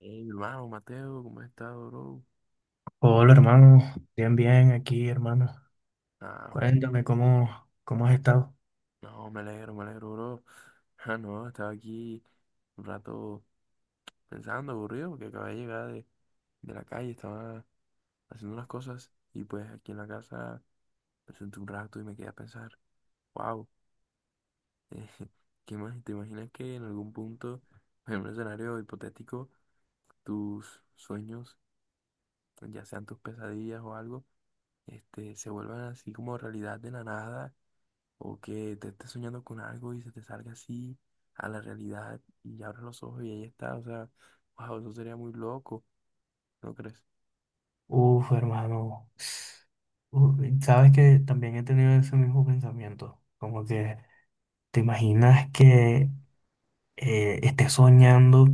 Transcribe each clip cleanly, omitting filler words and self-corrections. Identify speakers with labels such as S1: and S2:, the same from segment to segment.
S1: Hey, hermano Mateo, ¿cómo estás estado, bro?
S2: Hola hermano, bien, bien aquí hermano.
S1: Ah,
S2: Cuéntame cómo has estado.
S1: no, me alegro, bro. Ah, no, estaba aquí un rato pensando, aburrido, porque acabé de llegar de la calle, estaba haciendo unas cosas y pues aquí en la casa me senté un rato y me quedé a pensar, wow. ¿Qué más? ¿Te imaginas que en algún punto, en un escenario hipotético, tus sueños, ya sean tus pesadillas o algo, se vuelvan así como realidad de la nada? ¿O que te estés soñando con algo y se te salga así a la realidad y abres los ojos y ahí está? O sea, wow, eso sería muy loco, ¿no crees?
S2: Uf, hermano. Uf, sabes que también he tenido ese mismo pensamiento. Como que te imaginas que estés soñando,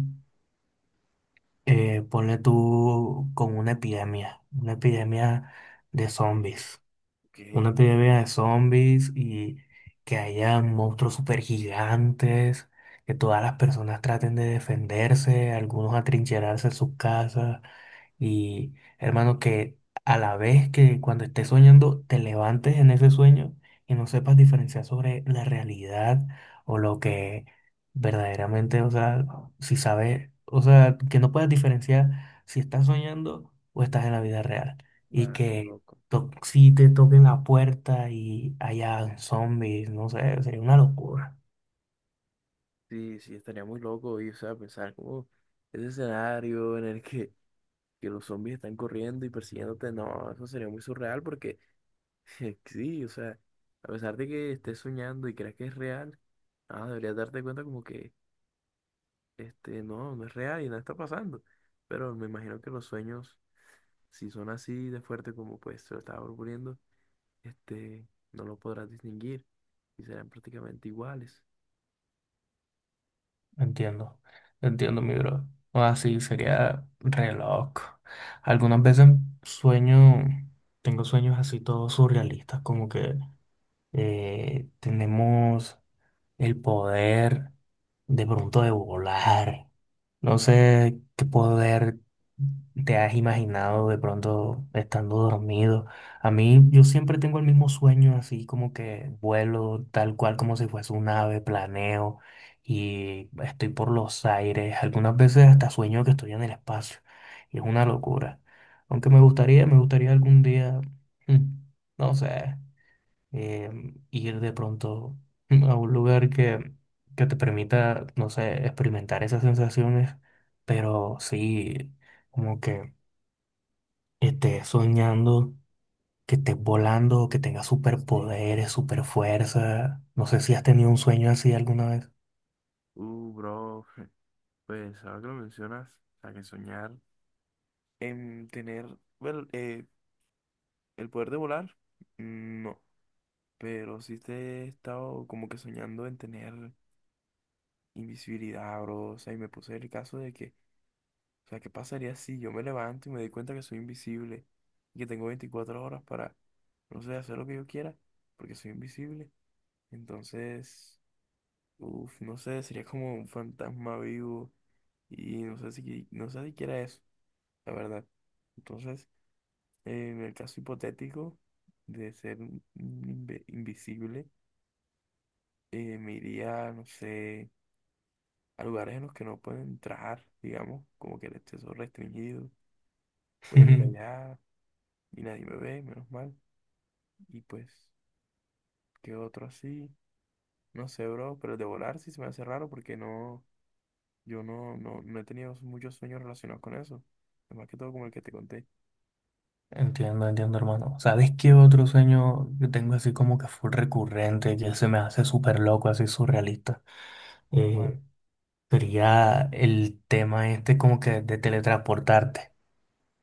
S2: ponle tú con una epidemia de
S1: Sí.
S2: zombies.
S1: Ok,
S2: Una epidemia de zombies y que haya monstruos super gigantes, que todas las personas traten de defenderse, algunos atrincherarse en sus casas. Y hermano, que a la vez que cuando estés soñando, te levantes en ese sueño y no sepas diferenciar sobre la realidad o lo que verdaderamente, o sea, si sabes, o sea, que no puedas diferenciar si estás soñando o estás en la vida real. Y
S1: nada, qué
S2: que
S1: loco.
S2: si te toquen la puerta y haya zombies, no sé, sería una locura.
S1: Sí, sí, estaría muy loco y, o sea, pensar como ese escenario en el que los zombies están corriendo y persiguiéndote. No, eso sería muy surreal porque, sí, o sea, a pesar de que estés soñando y creas que es real, ah, deberías darte cuenta como que no, no es real y nada está pasando. Pero me imagino que los sueños, si son así de fuerte como pues se lo estaba proponiendo, este, no lo podrás distinguir y serán prácticamente iguales.
S2: Entiendo, entiendo, mi bro. O así sería re loco. Algunas veces sueño, tengo sueños así todos surrealistas, como que tenemos el poder de pronto de volar. No sé qué poder te has imaginado de pronto estando dormido. A mí yo siempre tengo el mismo sueño, así como que vuelo tal cual como si fuese un ave, planeo y estoy por los aires. Algunas veces hasta sueño que estoy en el espacio y es una locura. Aunque me gustaría algún día, mm, no sé eh, ir de pronto a un lugar que te permita, no sé, experimentar esas sensaciones, pero sí, como que estés soñando, que estés volando, que tengas
S1: Sí.
S2: superpoderes, superfuerza. No sé si has tenido un sueño así alguna vez.
S1: Bro, pues ahora que lo mencionas, o sea, que soñar en tener, bueno, el poder de volar, no, pero sí te he estado como que soñando en tener invisibilidad, bro. O sea, y me puse el caso de que, o sea, ¿qué pasaría si yo me levanto y me doy cuenta que soy invisible y que tengo 24 horas para, no sé, hacer lo que yo quiera porque soy invisible? Entonces, uff, no sé, sería como un fantasma vivo y no sé no sé si quiera eso, la verdad. Entonces, en el caso hipotético de ser invisible, me iría, no sé, a lugares en los que no puedo entrar, digamos, como que el acceso restringido, puedo ir allá. Y nadie me ve, menos mal. Y pues, ¿qué otro así? No sé, bro, pero el de volar sí se me hace raro porque no, no he tenido muchos sueños relacionados con eso. Más que todo como el que te conté.
S2: Entiendo, entiendo, hermano. ¿Sabes qué otro sueño que tengo así como que fue recurrente, que se me hace súper loco, así surrealista?
S1: Bueno,
S2: Sería el tema este como que de teletransportarte.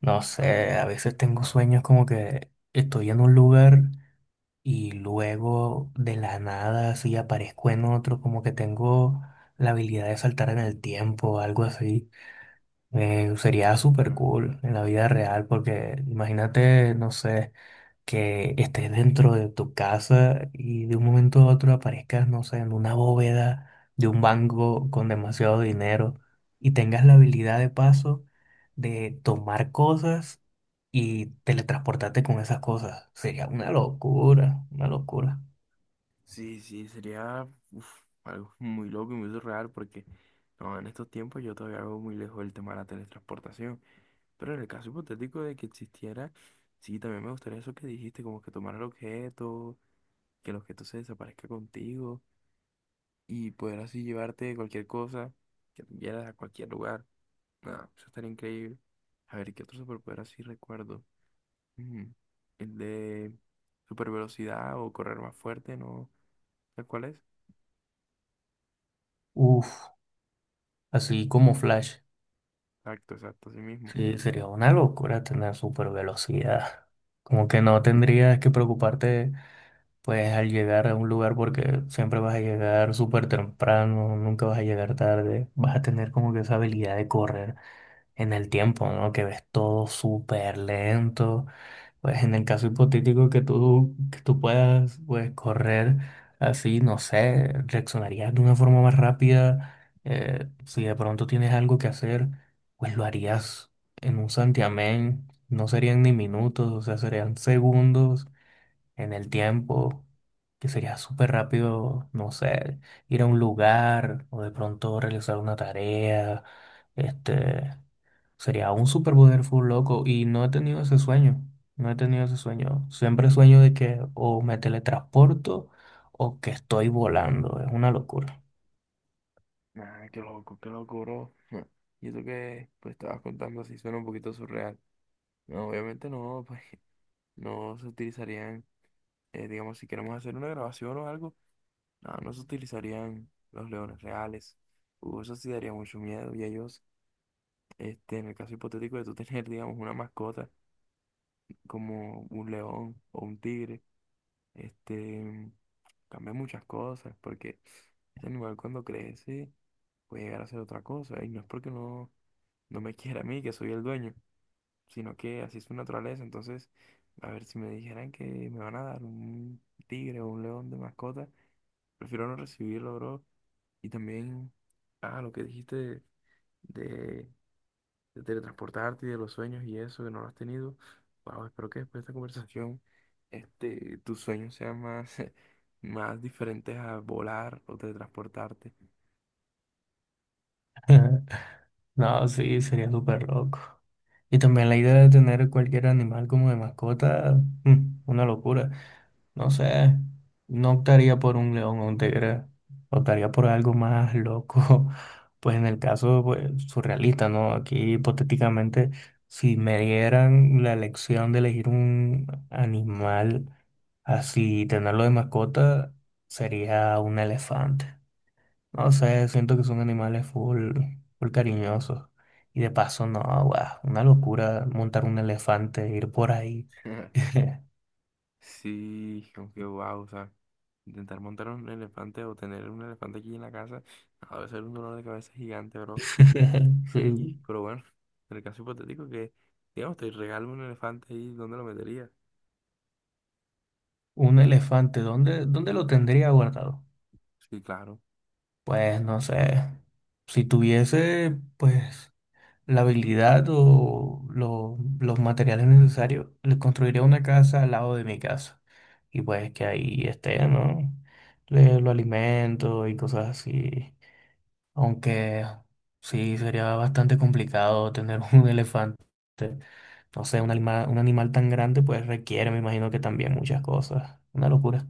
S2: No sé,
S1: uh,
S2: a veces tengo sueños como que estoy en un lugar y luego de la nada así aparezco en otro, como que tengo la habilidad de saltar en el tiempo o algo así. Sería súper
S1: no,
S2: cool en la vida
S1: sí.
S2: real porque imagínate, no sé, que estés dentro de tu casa y de un momento a otro aparezcas, no sé, en una bóveda de un banco con demasiado dinero y tengas la habilidad de paso de tomar cosas y teletransportarte con esas cosas. Sería una locura, una locura.
S1: Sí, sí, sería uf, algo muy loco y muy surreal porque no, en estos tiempos yo todavía hago muy lejos el tema de la teletransportación. Pero en el caso hipotético de que existiera, sí, también me gustaría eso que dijiste, como que tomar el objeto, que el objeto se desaparezca contigo, y poder así llevarte cualquier cosa que tú quieras a cualquier lugar. Nada, eso estaría increíble. A ver, ¿qué otro superpoder así recuerdo? Mm, el de super velocidad o correr más fuerte, ¿no? ¿Sabes cuál es?
S2: Uf, así como Flash.
S1: Exacto, exacto, así mismo.
S2: Sí, sería una locura tener super velocidad. Como que no tendrías que preocuparte, pues, al llegar a un lugar porque siempre vas a llegar súper temprano, nunca vas a llegar tarde. Vas a tener como que esa habilidad de correr en el tiempo, ¿no? Que ves todo súper lento pues en el caso hipotético que tú puedas pues, correr así, no sé, reaccionarías de una forma más rápida. Si de pronto tienes algo que hacer, pues lo harías en un santiamén. No serían ni minutos, o sea, serían segundos en el tiempo, que sería súper rápido, no sé, ir a un lugar o de pronto realizar una tarea, este, sería un superpoder full loco y no he tenido ese sueño. No he tenido ese sueño. Siempre sueño de que o me teletransporto o que estoy volando. Es una locura.
S1: Ah, qué loco, bro. Ja. Y eso que pues estabas contando así suena un poquito surreal. No, obviamente no, pues no se utilizarían, digamos, si queremos hacer una grabación o algo. No, no se utilizarían los leones reales. Eso sí daría mucho miedo. Y ellos, en el caso hipotético de tú tener, digamos, una mascota como un león o un tigre, este, cambia muchas cosas porque ese animal cuando crece puede llegar a ser otra cosa. Y no es porque no, no me quiera a mí, que soy el dueño, sino que así es su naturaleza. Entonces, a ver si me dijeran que me van a dar un tigre o un león de mascota, prefiero no recibirlo, bro. Y también, ah, lo que dijiste de- de teletransportarte y de los sueños y eso que no lo has tenido. Wow, espero que después de esta conversación, tus sueños sean más, más diferentes a volar o teletransportarte.
S2: No, sí, sería súper loco. Y también la idea de tener cualquier animal como de mascota, una locura. No sé, no optaría por un león o un tigre, optaría por algo más loco, pues en el caso pues, surrealista, ¿no? Aquí hipotéticamente, si me dieran la elección de elegir un animal así, tenerlo de mascota, sería un elefante. No sé, siento que son animales full, full cariñosos. Y de paso, no, guau, una locura montar un elefante, e ir por ahí.
S1: Sí, aunque wow, o sea, intentar montar un elefante o tener un elefante aquí en la casa, a veces es un dolor de cabeza gigante, bro.
S2: Sí,
S1: Y, pero bueno, en el caso hipotético que, digamos, te regalo un elefante ahí, ¿dónde lo metería?
S2: un elefante, ¿dónde lo tendría guardado?
S1: Sí, claro.
S2: Pues no sé. Si tuviese, pues, la habilidad o los materiales necesarios, le construiría una casa al lado de mi casa. Y pues que ahí esté, ¿no? Le, lo alimento y cosas así. Aunque sí, sería bastante complicado tener un elefante. No sé, un animal tan grande, pues requiere, me imagino que también muchas cosas. Una locura.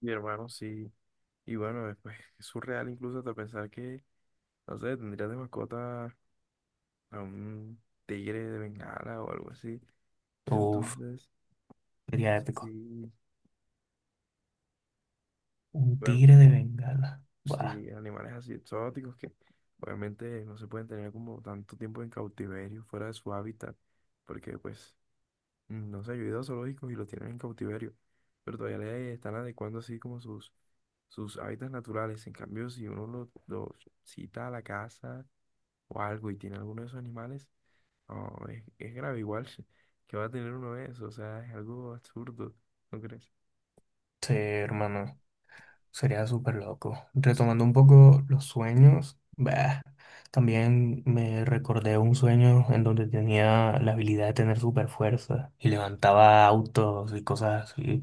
S1: Mi hermano, sí. Y bueno, pues es surreal incluso hasta pensar que, no sé, tendrías de mascota a un tigre de bengala o algo así.
S2: Uf.
S1: Entonces,
S2: Sería épico.
S1: sí,
S2: Un
S1: bueno,
S2: tigre de Bengala. Buah.
S1: sí, animales así exóticos que obviamente no se pueden tener como tanto tiempo en cautiverio, fuera de su hábitat, porque pues mm, no sé, yo he ido a zoológicos y los tienen en cautiverio, pero todavía le están adecuando así como sus hábitats naturales. En cambio, si uno los lo cita a la casa o algo y tiene alguno de esos animales, no, es grave igual que va a tener uno de esos. O sea, es algo absurdo, ¿no crees?
S2: Sí, hermano. Sería súper loco. Retomando un poco los sueños. Bah. También me recordé un sueño en donde tenía la habilidad de tener super fuerza y levantaba autos y cosas así.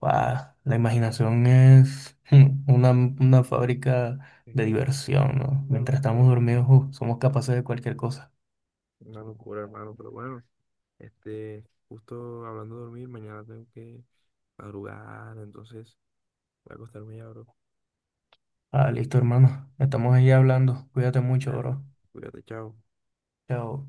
S2: Buah. La imaginación es una fábrica de
S1: Sí,
S2: diversión, ¿no?
S1: una
S2: Mientras
S1: locura,
S2: estamos dormidos, somos capaces de cualquier cosa.
S1: una locura, hermano. Pero bueno, justo hablando de dormir, mañana tengo que madrugar, entonces voy a acostarme ya, bro.
S2: Ah, listo, hermano. Estamos ahí hablando. Cuídate mucho,
S1: Dale,
S2: bro.
S1: cuídate, chao.
S2: Chao.